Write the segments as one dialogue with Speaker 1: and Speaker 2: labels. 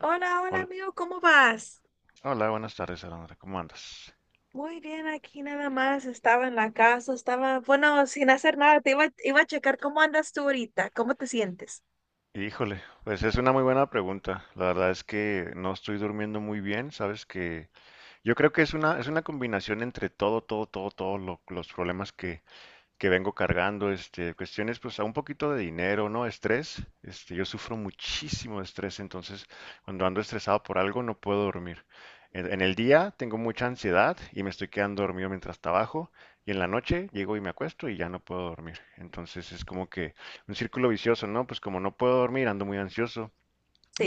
Speaker 1: Hola, hola
Speaker 2: Hol-
Speaker 1: amigo, ¿cómo vas?
Speaker 2: Hola, buenas tardes, Alondra. ¿Cómo andas?
Speaker 1: Muy bien, aquí nada más, estaba en la casa, estaba, bueno, sin hacer nada, iba a checar cómo andas tú ahorita, cómo te sientes.
Speaker 2: Híjole, pues es una muy buena pregunta. La verdad es que no estoy durmiendo muy bien, sabes que yo creo que es una combinación entre todos los problemas que vengo cargando, cuestiones, pues, a un poquito de dinero, ¿no? Estrés, yo sufro muchísimo de estrés. Entonces, cuando ando estresado por algo, no puedo dormir. En el día tengo mucha ansiedad y me estoy quedando dormido mientras trabajo, y en la noche llego y me acuesto y ya no puedo dormir. Entonces, es como que un círculo vicioso, ¿no? Pues, como no puedo dormir, ando muy ansioso,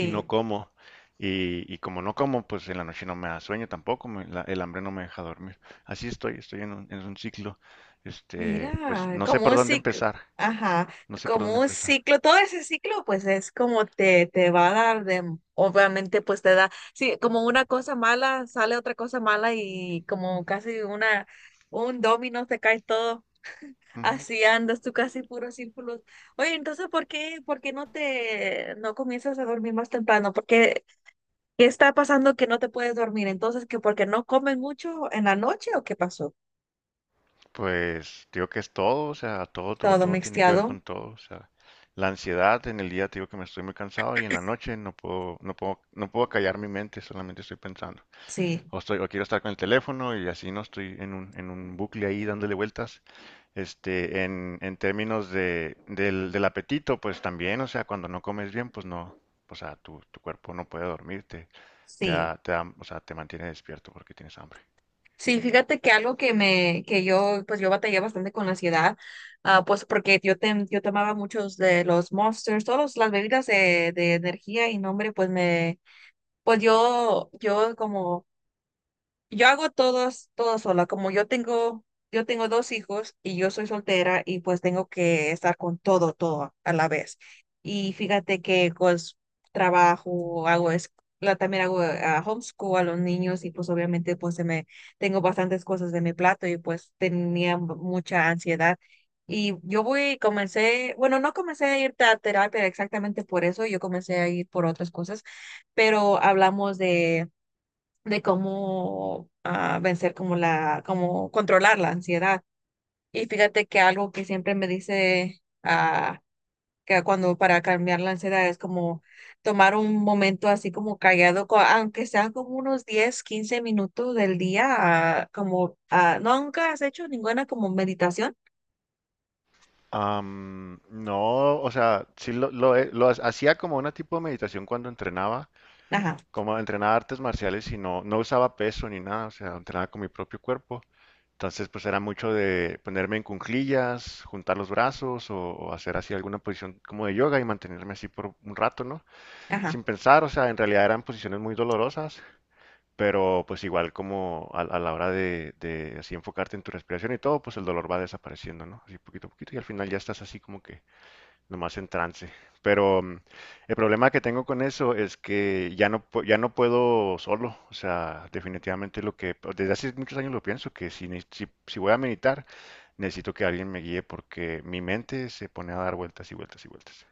Speaker 2: y no como. Y como no como, pues en la noche no me da sueño tampoco, el hambre no me deja dormir. Así estoy en un ciclo. Pues
Speaker 1: Mira,
Speaker 2: no sé
Speaker 1: como
Speaker 2: por
Speaker 1: un
Speaker 2: dónde
Speaker 1: ciclo,
Speaker 2: empezar,
Speaker 1: ajá,
Speaker 2: no sé por dónde
Speaker 1: como un
Speaker 2: empezar.
Speaker 1: ciclo, todo ese ciclo pues es como te va a dar de, obviamente pues te da, sí, como una cosa mala sale otra cosa mala y como casi una, un dominó te cae todo,
Speaker 2: Ujú.
Speaker 1: así andas tú casi puro círculos. Oye, entonces, ¿ por qué no comienzas a dormir más temprano? Porque, ¿ qué está pasando que no te puedes dormir? Entonces, ¿que porque no comen mucho en la noche o qué pasó?
Speaker 2: Pues digo que es todo, o sea,
Speaker 1: Todo
Speaker 2: todo tiene que ver
Speaker 1: mixteado,
Speaker 2: con todo. O sea, la ansiedad en el día te digo que me estoy muy cansado y en la noche no puedo callar mi mente, solamente estoy pensando.
Speaker 1: sí,
Speaker 2: O quiero estar con el teléfono y así no estoy en un bucle ahí dándole vueltas. En términos del apetito, pues también, o sea, cuando no comes bien, pues no, o sea, tu cuerpo no puede dormirte,
Speaker 1: sí.
Speaker 2: o sea, te mantiene despierto porque tienes hambre.
Speaker 1: Sí, fíjate que algo que yo, pues yo batallé bastante con la ansiedad, ah, pues porque yo tomaba muchos de los Monsters, todas las bebidas de energía y nombre, pues yo como yo hago todo sola. Yo tengo dos hijos y yo soy soltera y pues tengo que estar con todo, todo a la vez. Y fíjate que pues trabajo, hago es, la, también hago homeschool a los niños y pues obviamente tengo bastantes cosas de mi plato y pues tenía mucha ansiedad. Comencé, bueno, no comencé a ir a terapia exactamente por eso, yo comencé a ir por otras cosas, pero hablamos de cómo vencer cómo controlar la ansiedad. Y fíjate que algo que siempre me dice que cuando para cambiar la ansiedad es como tomar un momento así como callado, aunque sea como unos 10 15 minutos del día, ¿no, nunca has hecho ninguna como meditación?
Speaker 2: No, o sea, sí lo, he- lo ha- hacía como una tipo de meditación cuando entrenaba,
Speaker 1: Ajá,
Speaker 2: como entrenaba artes marciales y no usaba peso ni nada, o sea, entrenaba con mi propio cuerpo. Entonces, pues era mucho de ponerme en cuclillas, juntar los brazos o hacer así alguna posición como de yoga y mantenerme así por un rato, ¿no?
Speaker 1: ajá.
Speaker 2: Sin pensar, o sea, en realidad eran posiciones muy dolorosas, pero pues igual como a la hora de así enfocarte en tu respiración y todo, pues el dolor va desapareciendo, ¿no? Así poquito a poquito y al final ya estás así como que nomás en trance. Pero el problema que tengo con eso es que ya no, ya no puedo solo. O sea, definitivamente lo que, pues, desde hace muchos años lo pienso, que si voy a meditar, necesito que alguien me guíe porque mi mente se pone a dar vueltas y vueltas y vueltas.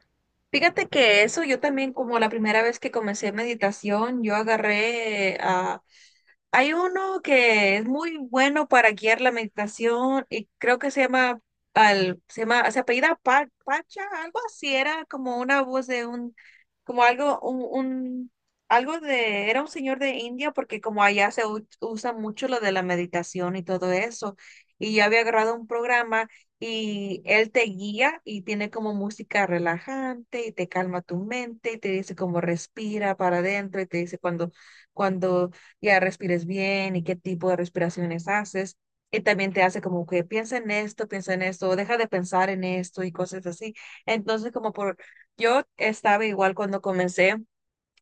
Speaker 1: Fíjate que eso yo también, como la primera vez que comencé meditación, yo agarré a... Hay uno que es muy bueno para guiar la meditación y creo que se llama, se apellida Pacha, algo así, era como una voz de un, como algo, un- algo de, era un señor de India porque como allá se usa mucho lo de la meditación y todo eso. Y yo había agarrado un programa y él te guía y tiene como música relajante y te calma tu mente y te dice como respira para adentro y te dice cuando ya respires bien y qué tipo de respiraciones haces. Y también te hace como que piensa en esto, o deja de pensar en esto y cosas así. Entonces, yo estaba igual cuando comencé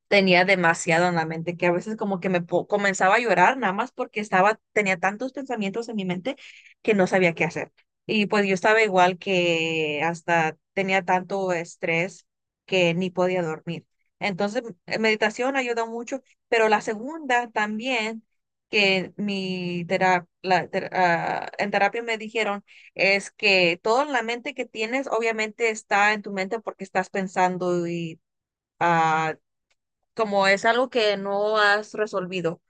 Speaker 1: tenía demasiado en la mente, que a veces como que comenzaba a llorar nada más porque estaba, tenía tantos pensamientos en mi mente que no sabía qué hacer. Y pues yo estaba igual que hasta tenía tanto estrés que ni podía dormir. Entonces, meditación ayuda mucho, pero la segunda también, que mi tera- la ter- ah, en terapia me dijeron, es que todo en la mente que tienes obviamente está en tu mente porque estás pensando y... ah, como es algo que no has resolvido.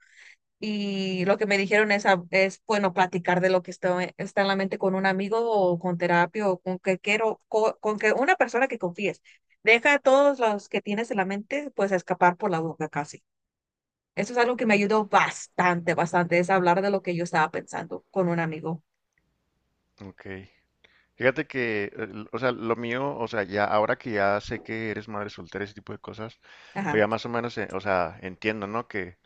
Speaker 1: Y lo que me dijeron es, es bueno, platicar de lo que está en la mente con un amigo o con terapia o con que una persona que confíes. Deja a todos los que tienes en la mente, pues, escapar por la boca casi. Eso es algo que me ayudó bastante, bastante, es hablar de lo que yo estaba pensando con un amigo.
Speaker 2: Ok. Fíjate que, o sea, lo mío, o sea, ya ahora que ya sé que eres madre soltera, ese tipo de cosas, pues ya
Speaker 1: Ajá,
Speaker 2: más o menos, o sea, entiendo, ¿no?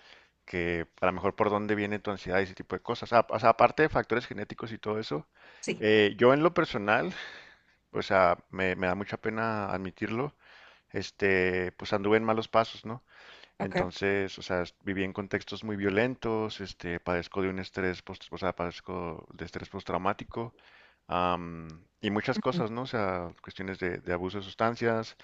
Speaker 2: Que a lo mejor por dónde viene tu ansiedad y ese tipo de cosas. O sea, aparte de factores genéticos y todo eso,
Speaker 1: sí,
Speaker 2: yo en lo personal, o sea, me da mucha pena admitirlo, pues anduve en malos pasos, ¿no?
Speaker 1: ok.
Speaker 2: Entonces, o sea, viví en contextos muy violentos. Este, padezco de un estrés, post, o sea, padezco de estrés postraumático, am, y muchas
Speaker 1: Ujú,
Speaker 2: cosas, ¿no? O sea, cuestiones de abuso de sustancias,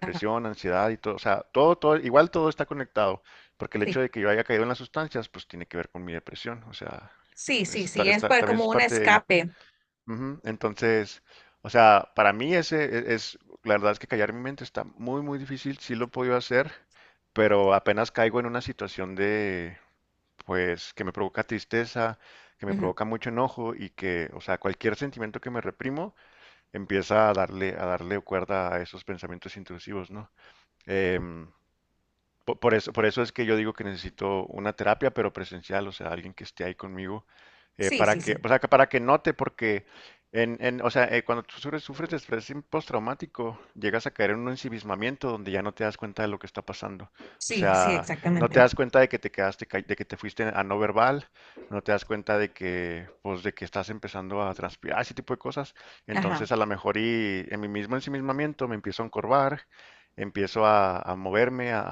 Speaker 1: ajá,
Speaker 2: ansiedad y todo. O sea, todo, igual todo está conectado, porque el
Speaker 1: sí,
Speaker 2: hecho de que yo haya caído en las sustancias, pues tiene que ver con mi depresión. O sea,
Speaker 1: sí, sí, sí, es
Speaker 2: también
Speaker 1: como
Speaker 2: es
Speaker 1: un
Speaker 2: parte de ello.
Speaker 1: escape.
Speaker 2: Ujú, entonces, o sea, para mí ese es, la verdad es que callar mi mente está muy, muy difícil. Sí lo he podido hacer, pero apenas caigo en una situación de, pues, que me provoca tristeza, que me
Speaker 1: Ujú,
Speaker 2: provoca mucho enojo y que, o sea, cualquier sentimiento que me reprimo empieza a darle cuerda a esos pensamientos intrusivos, ¿no? Em, por eso es que yo digo que necesito una terapia, pero presencial. O sea, alguien que esté ahí conmigo,
Speaker 1: sí, sí,
Speaker 2: para que,
Speaker 1: sí,
Speaker 2: o sea, para que note, porque o sea, cuando tú sufres, sufres de estrés postraumático, llegas a caer en un ensimismamiento donde ya no te das cuenta de lo que está pasando. O
Speaker 1: sí, sí,
Speaker 2: sea, no te
Speaker 1: exactamente.
Speaker 2: das cuenta de que te quedaste, de que te fuiste a no verbal, no te das cuenta de que, pues, de que estás empezando a transpirar, ese tipo de cosas.
Speaker 1: Ajá,
Speaker 2: Entonces, a lo mejor y en mi mismo ensimismamiento me empiezo a encorvar, empiezo a, moverme, a,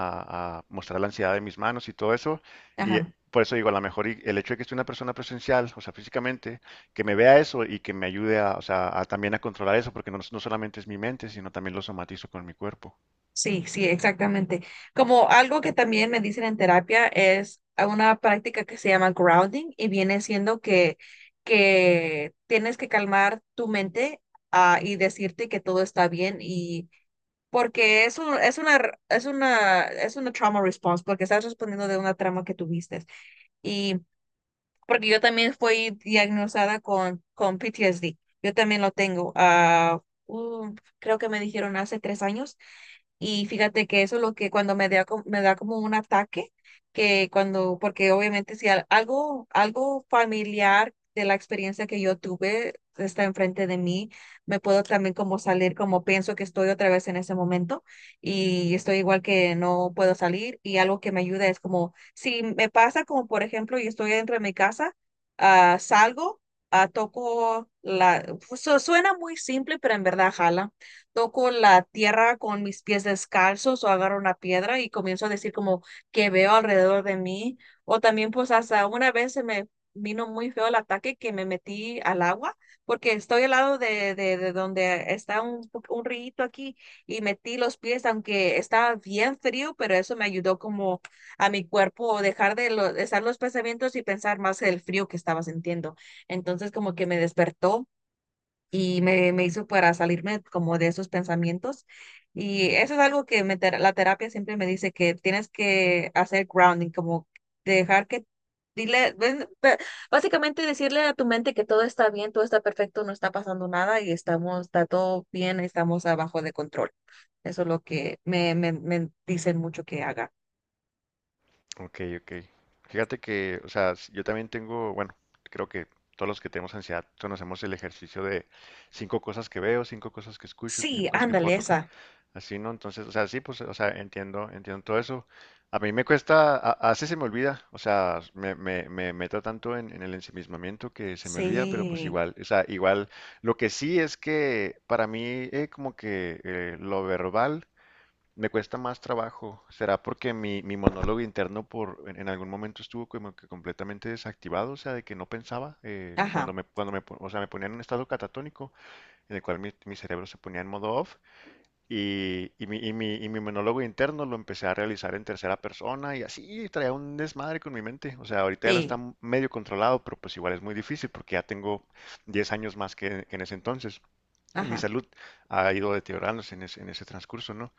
Speaker 2: a- mostrar la ansiedad de mis manos y todo eso. Y
Speaker 1: ajá.
Speaker 2: por eso digo, a lo mejor el hecho de que esté una persona presencial, o sea, físicamente, que me vea eso y que me ayude a, o sea, a también a controlar eso, porque no, no solamente es mi mente, sino también lo somatizo con mi cuerpo.
Speaker 1: Sí, sí, exactamente. Como algo que también me dicen en terapia es a una práctica que se llama grounding y viene siendo que tienes que calmar tu mente y decirte que todo está bien y porque es un- es una, es una, es una trauma response porque estás respondiendo de una trauma que tuviste porque yo también fui diagnosticada con PTSD. Yo también lo tengo. Creo que me dijeron hace 3 años. Y fíjate que eso es lo que cuando me da, me da como un ataque, porque obviamente si al- algo, algo familiar de la experiencia que yo tuve está enfrente de mí, me puedo también como salir como pienso que estoy otra vez en ese momento y estoy igual que no puedo salir y algo que me ayuda es como si me pasa como por ejemplo, y estoy dentro de mi casa, salgo, toco la, pues, suena muy simple, pero en verdad jala. Toco la tierra con mis pies descalzos o agarro una piedra y comienzo a decir como que veo alrededor de mí. O también pues hasta una vez se me vino muy feo el ataque que me metí al agua porque estoy al lado de donde está un rito aquí y metí los pies, aunque estaba bien frío, pero eso me ayudó como a mi cuerpo dejar de estar los pensamientos y pensar más el frío que estaba sintiendo. Entonces como que me despertó y me hizo para salirme como de esos pensamientos. Y eso es algo que la terapia siempre me dice que tienes que hacer grounding, como dejar que, dile, ven, pe- básicamente decirle a tu mente que todo está bien, todo está perfecto, no está pasando nada y estamos, está todo bien, estamos abajo de control. Eso es lo que me dicen mucho que haga.
Speaker 2: Ok, ok. Fíjate que, o sea, yo también tengo, bueno, creo que todos los que tenemos ansiedad conocemos el ejercicio de cinco cosas que veo, cinco cosas que escucho,
Speaker 1: Sí,
Speaker 2: cinco cosas que puedo
Speaker 1: ándale,
Speaker 2: tocar.
Speaker 1: esa.
Speaker 2: Así, ¿no? Entonces, o sea, sí, pues, o sea, entiendo, entiendo todo eso. A mí me cuesta, a veces se me olvida, o sea, me meto tanto en el ensimismamiento que se me olvida, pero pues
Speaker 1: Sí,
Speaker 2: igual, o sea, igual, lo que sí es que para mí como que lo verbal me cuesta más trabajo. ¿Será porque mi monólogo interno en algún momento estuvo como que completamente desactivado, o sea, de que no pensaba,
Speaker 1: ajá,
Speaker 2: o sea, me ponía en un estado catatónico, en el cual mi cerebro se ponía en modo off? Y mi monólogo interno lo empecé a realizar en tercera persona y así traía un desmadre con mi mente. O sea, ahorita ya lo está
Speaker 1: sí,
Speaker 2: medio controlado, pero pues igual es muy difícil porque ya tengo 10 años más que en ese entonces mi
Speaker 1: ajá,
Speaker 2: salud ha ido deteriorándose en ese transcurso, ¿no?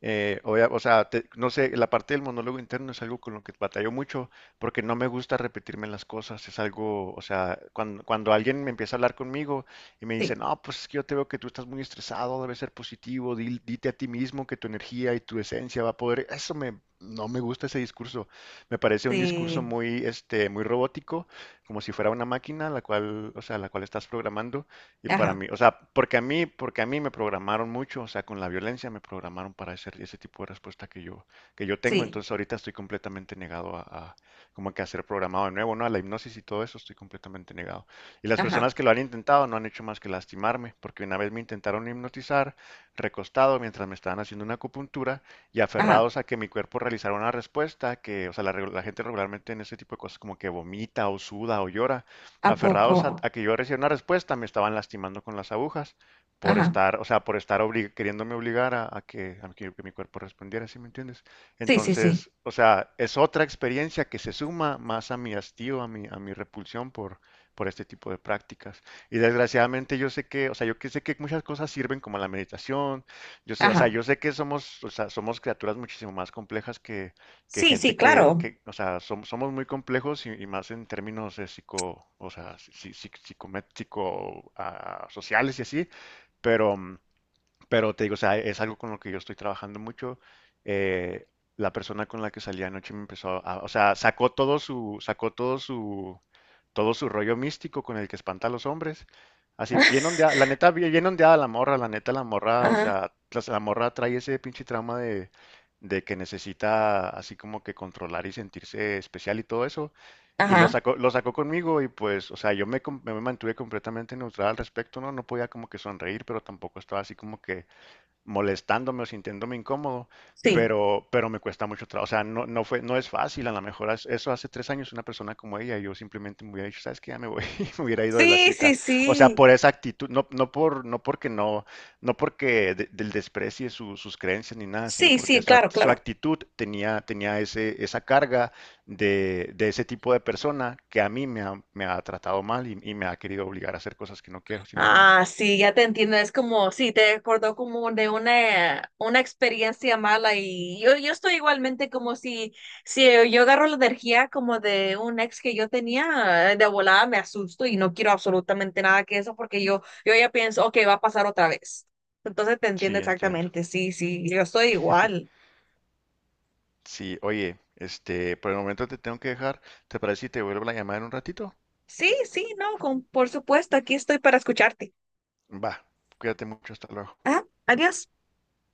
Speaker 2: O sea, no sé, la parte del monólogo interno es algo con lo que batallo mucho porque no me gusta repetirme las cosas. Es algo, o sea, cuando, cuando alguien me empieza a hablar conmigo y me dice,
Speaker 1: sí,
Speaker 2: no, pues es que yo te veo que tú estás muy estresado, debes ser positivo, dite a ti mismo que tu energía y tu esencia va a poder, eso me, no me gusta ese discurso, me parece un discurso
Speaker 1: sí,
Speaker 2: muy, muy robótico, como si fuera una máquina, la cual, o sea, la cual estás programando. Y para
Speaker 1: ajá,
Speaker 2: mí, o sea, porque a mí me programaron mucho, o sea, con la violencia me programaron para ese tipo de respuesta que yo tengo.
Speaker 1: sí,
Speaker 2: Entonces ahorita estoy completamente negado a como que a ser programado de nuevo, ¿no? A la hipnosis y todo eso estoy completamente negado. Y las
Speaker 1: ajá,
Speaker 2: personas que lo han intentado no han hecho más que lastimarme, porque una vez me intentaron hipnotizar, recostado, mientras me estaban haciendo una acupuntura, y
Speaker 1: ajá,
Speaker 2: aferrados a que mi cuerpo realizara una respuesta que, o sea, la gente regularmente en ese tipo de cosas como que vomita o suda o llora,
Speaker 1: ¿a
Speaker 2: aferrados a,
Speaker 1: poco?
Speaker 2: a que yo recibiera una respuesta, me estaban lastimando con las agujas por
Speaker 1: Ajá,
Speaker 2: estar, o sea, queriéndome obligar a que mi cuerpo respondiera, ¿sí me entiendes?
Speaker 1: sí, sí, sí,
Speaker 2: Entonces, o sea, es otra experiencia que se suma más a mi hastío, a mi repulsión por este tipo de prácticas. Y desgraciadamente yo sé que, o sea, yo que sé que muchas cosas sirven como la meditación, yo sé, o sea,
Speaker 1: ajá,
Speaker 2: yo sé que somos, o sea, somos criaturas muchísimo más complejas que
Speaker 1: sí, sí,
Speaker 2: gente
Speaker 1: claro,
Speaker 2: o sea, somos muy complejos y más en términos de psico, o sea, psicométrico, sociales y así, pero pero te digo, o sea, es algo con lo que yo estoy trabajando mucho. Eh, la persona con la que salí anoche o sea, sacó todo su rollo místico con el que espanta a los hombres. Así, bien ondeada, la neta, bien bien ondeada la morra, la neta, la morra, o
Speaker 1: ajá,
Speaker 2: sea, la morra trae ese pinche trauma de que necesita así como que controlar y sentirse especial y todo eso. Y
Speaker 1: ajá,
Speaker 2: lo sacó conmigo y pues, o sea, yo me mantuve completamente neutral al respecto, ¿no? No podía como que sonreír, pero tampoco estaba así como que molestándome o sintiéndome incómodo,
Speaker 1: sí,
Speaker 2: pero me cuesta mucho trabajo. O sea, no, no es fácil. A lo mejor eso hace 3 años una persona como ella, yo simplemente me hubiera dicho, ¿sabes qué? Ya me voy, y me hubiera ido de la
Speaker 1: sí, sí,
Speaker 2: cita. O sea,
Speaker 1: sí,
Speaker 2: por esa actitud, no, no por, no porque no, no porque del desprecie sus creencias ni nada, sino
Speaker 1: sí,
Speaker 2: porque
Speaker 1: sí, claro,
Speaker 2: su
Speaker 1: claro.
Speaker 2: actitud tenía ese, esa carga de ese tipo de persona que a mí me ha tratado mal y me ha querido obligar a hacer cosas que no quiero, ¿sí me entiendes?
Speaker 1: Ah, sí, ya te entiendo. Es como, sí, te recordó como de una experiencia mala y yo estoy igualmente como si yo agarro la energía como de un ex que yo tenía, de volada me asusto y no quiero absolutamente nada que eso porque yo ya pienso, ok, va a pasar otra vez. Entonces te entiendo
Speaker 2: Sí, entiendo.
Speaker 1: exactamente, sí, sí, yo estoy igual.
Speaker 2: Sí, oye, por el momento te tengo que dejar. ¿Te parece si te vuelvo la llamada en un ratito?
Speaker 1: Sí, sí, no, con, por supuesto, aquí estoy para escucharte.
Speaker 2: Va, cuídate mucho, hasta luego.
Speaker 1: Ah, adiós.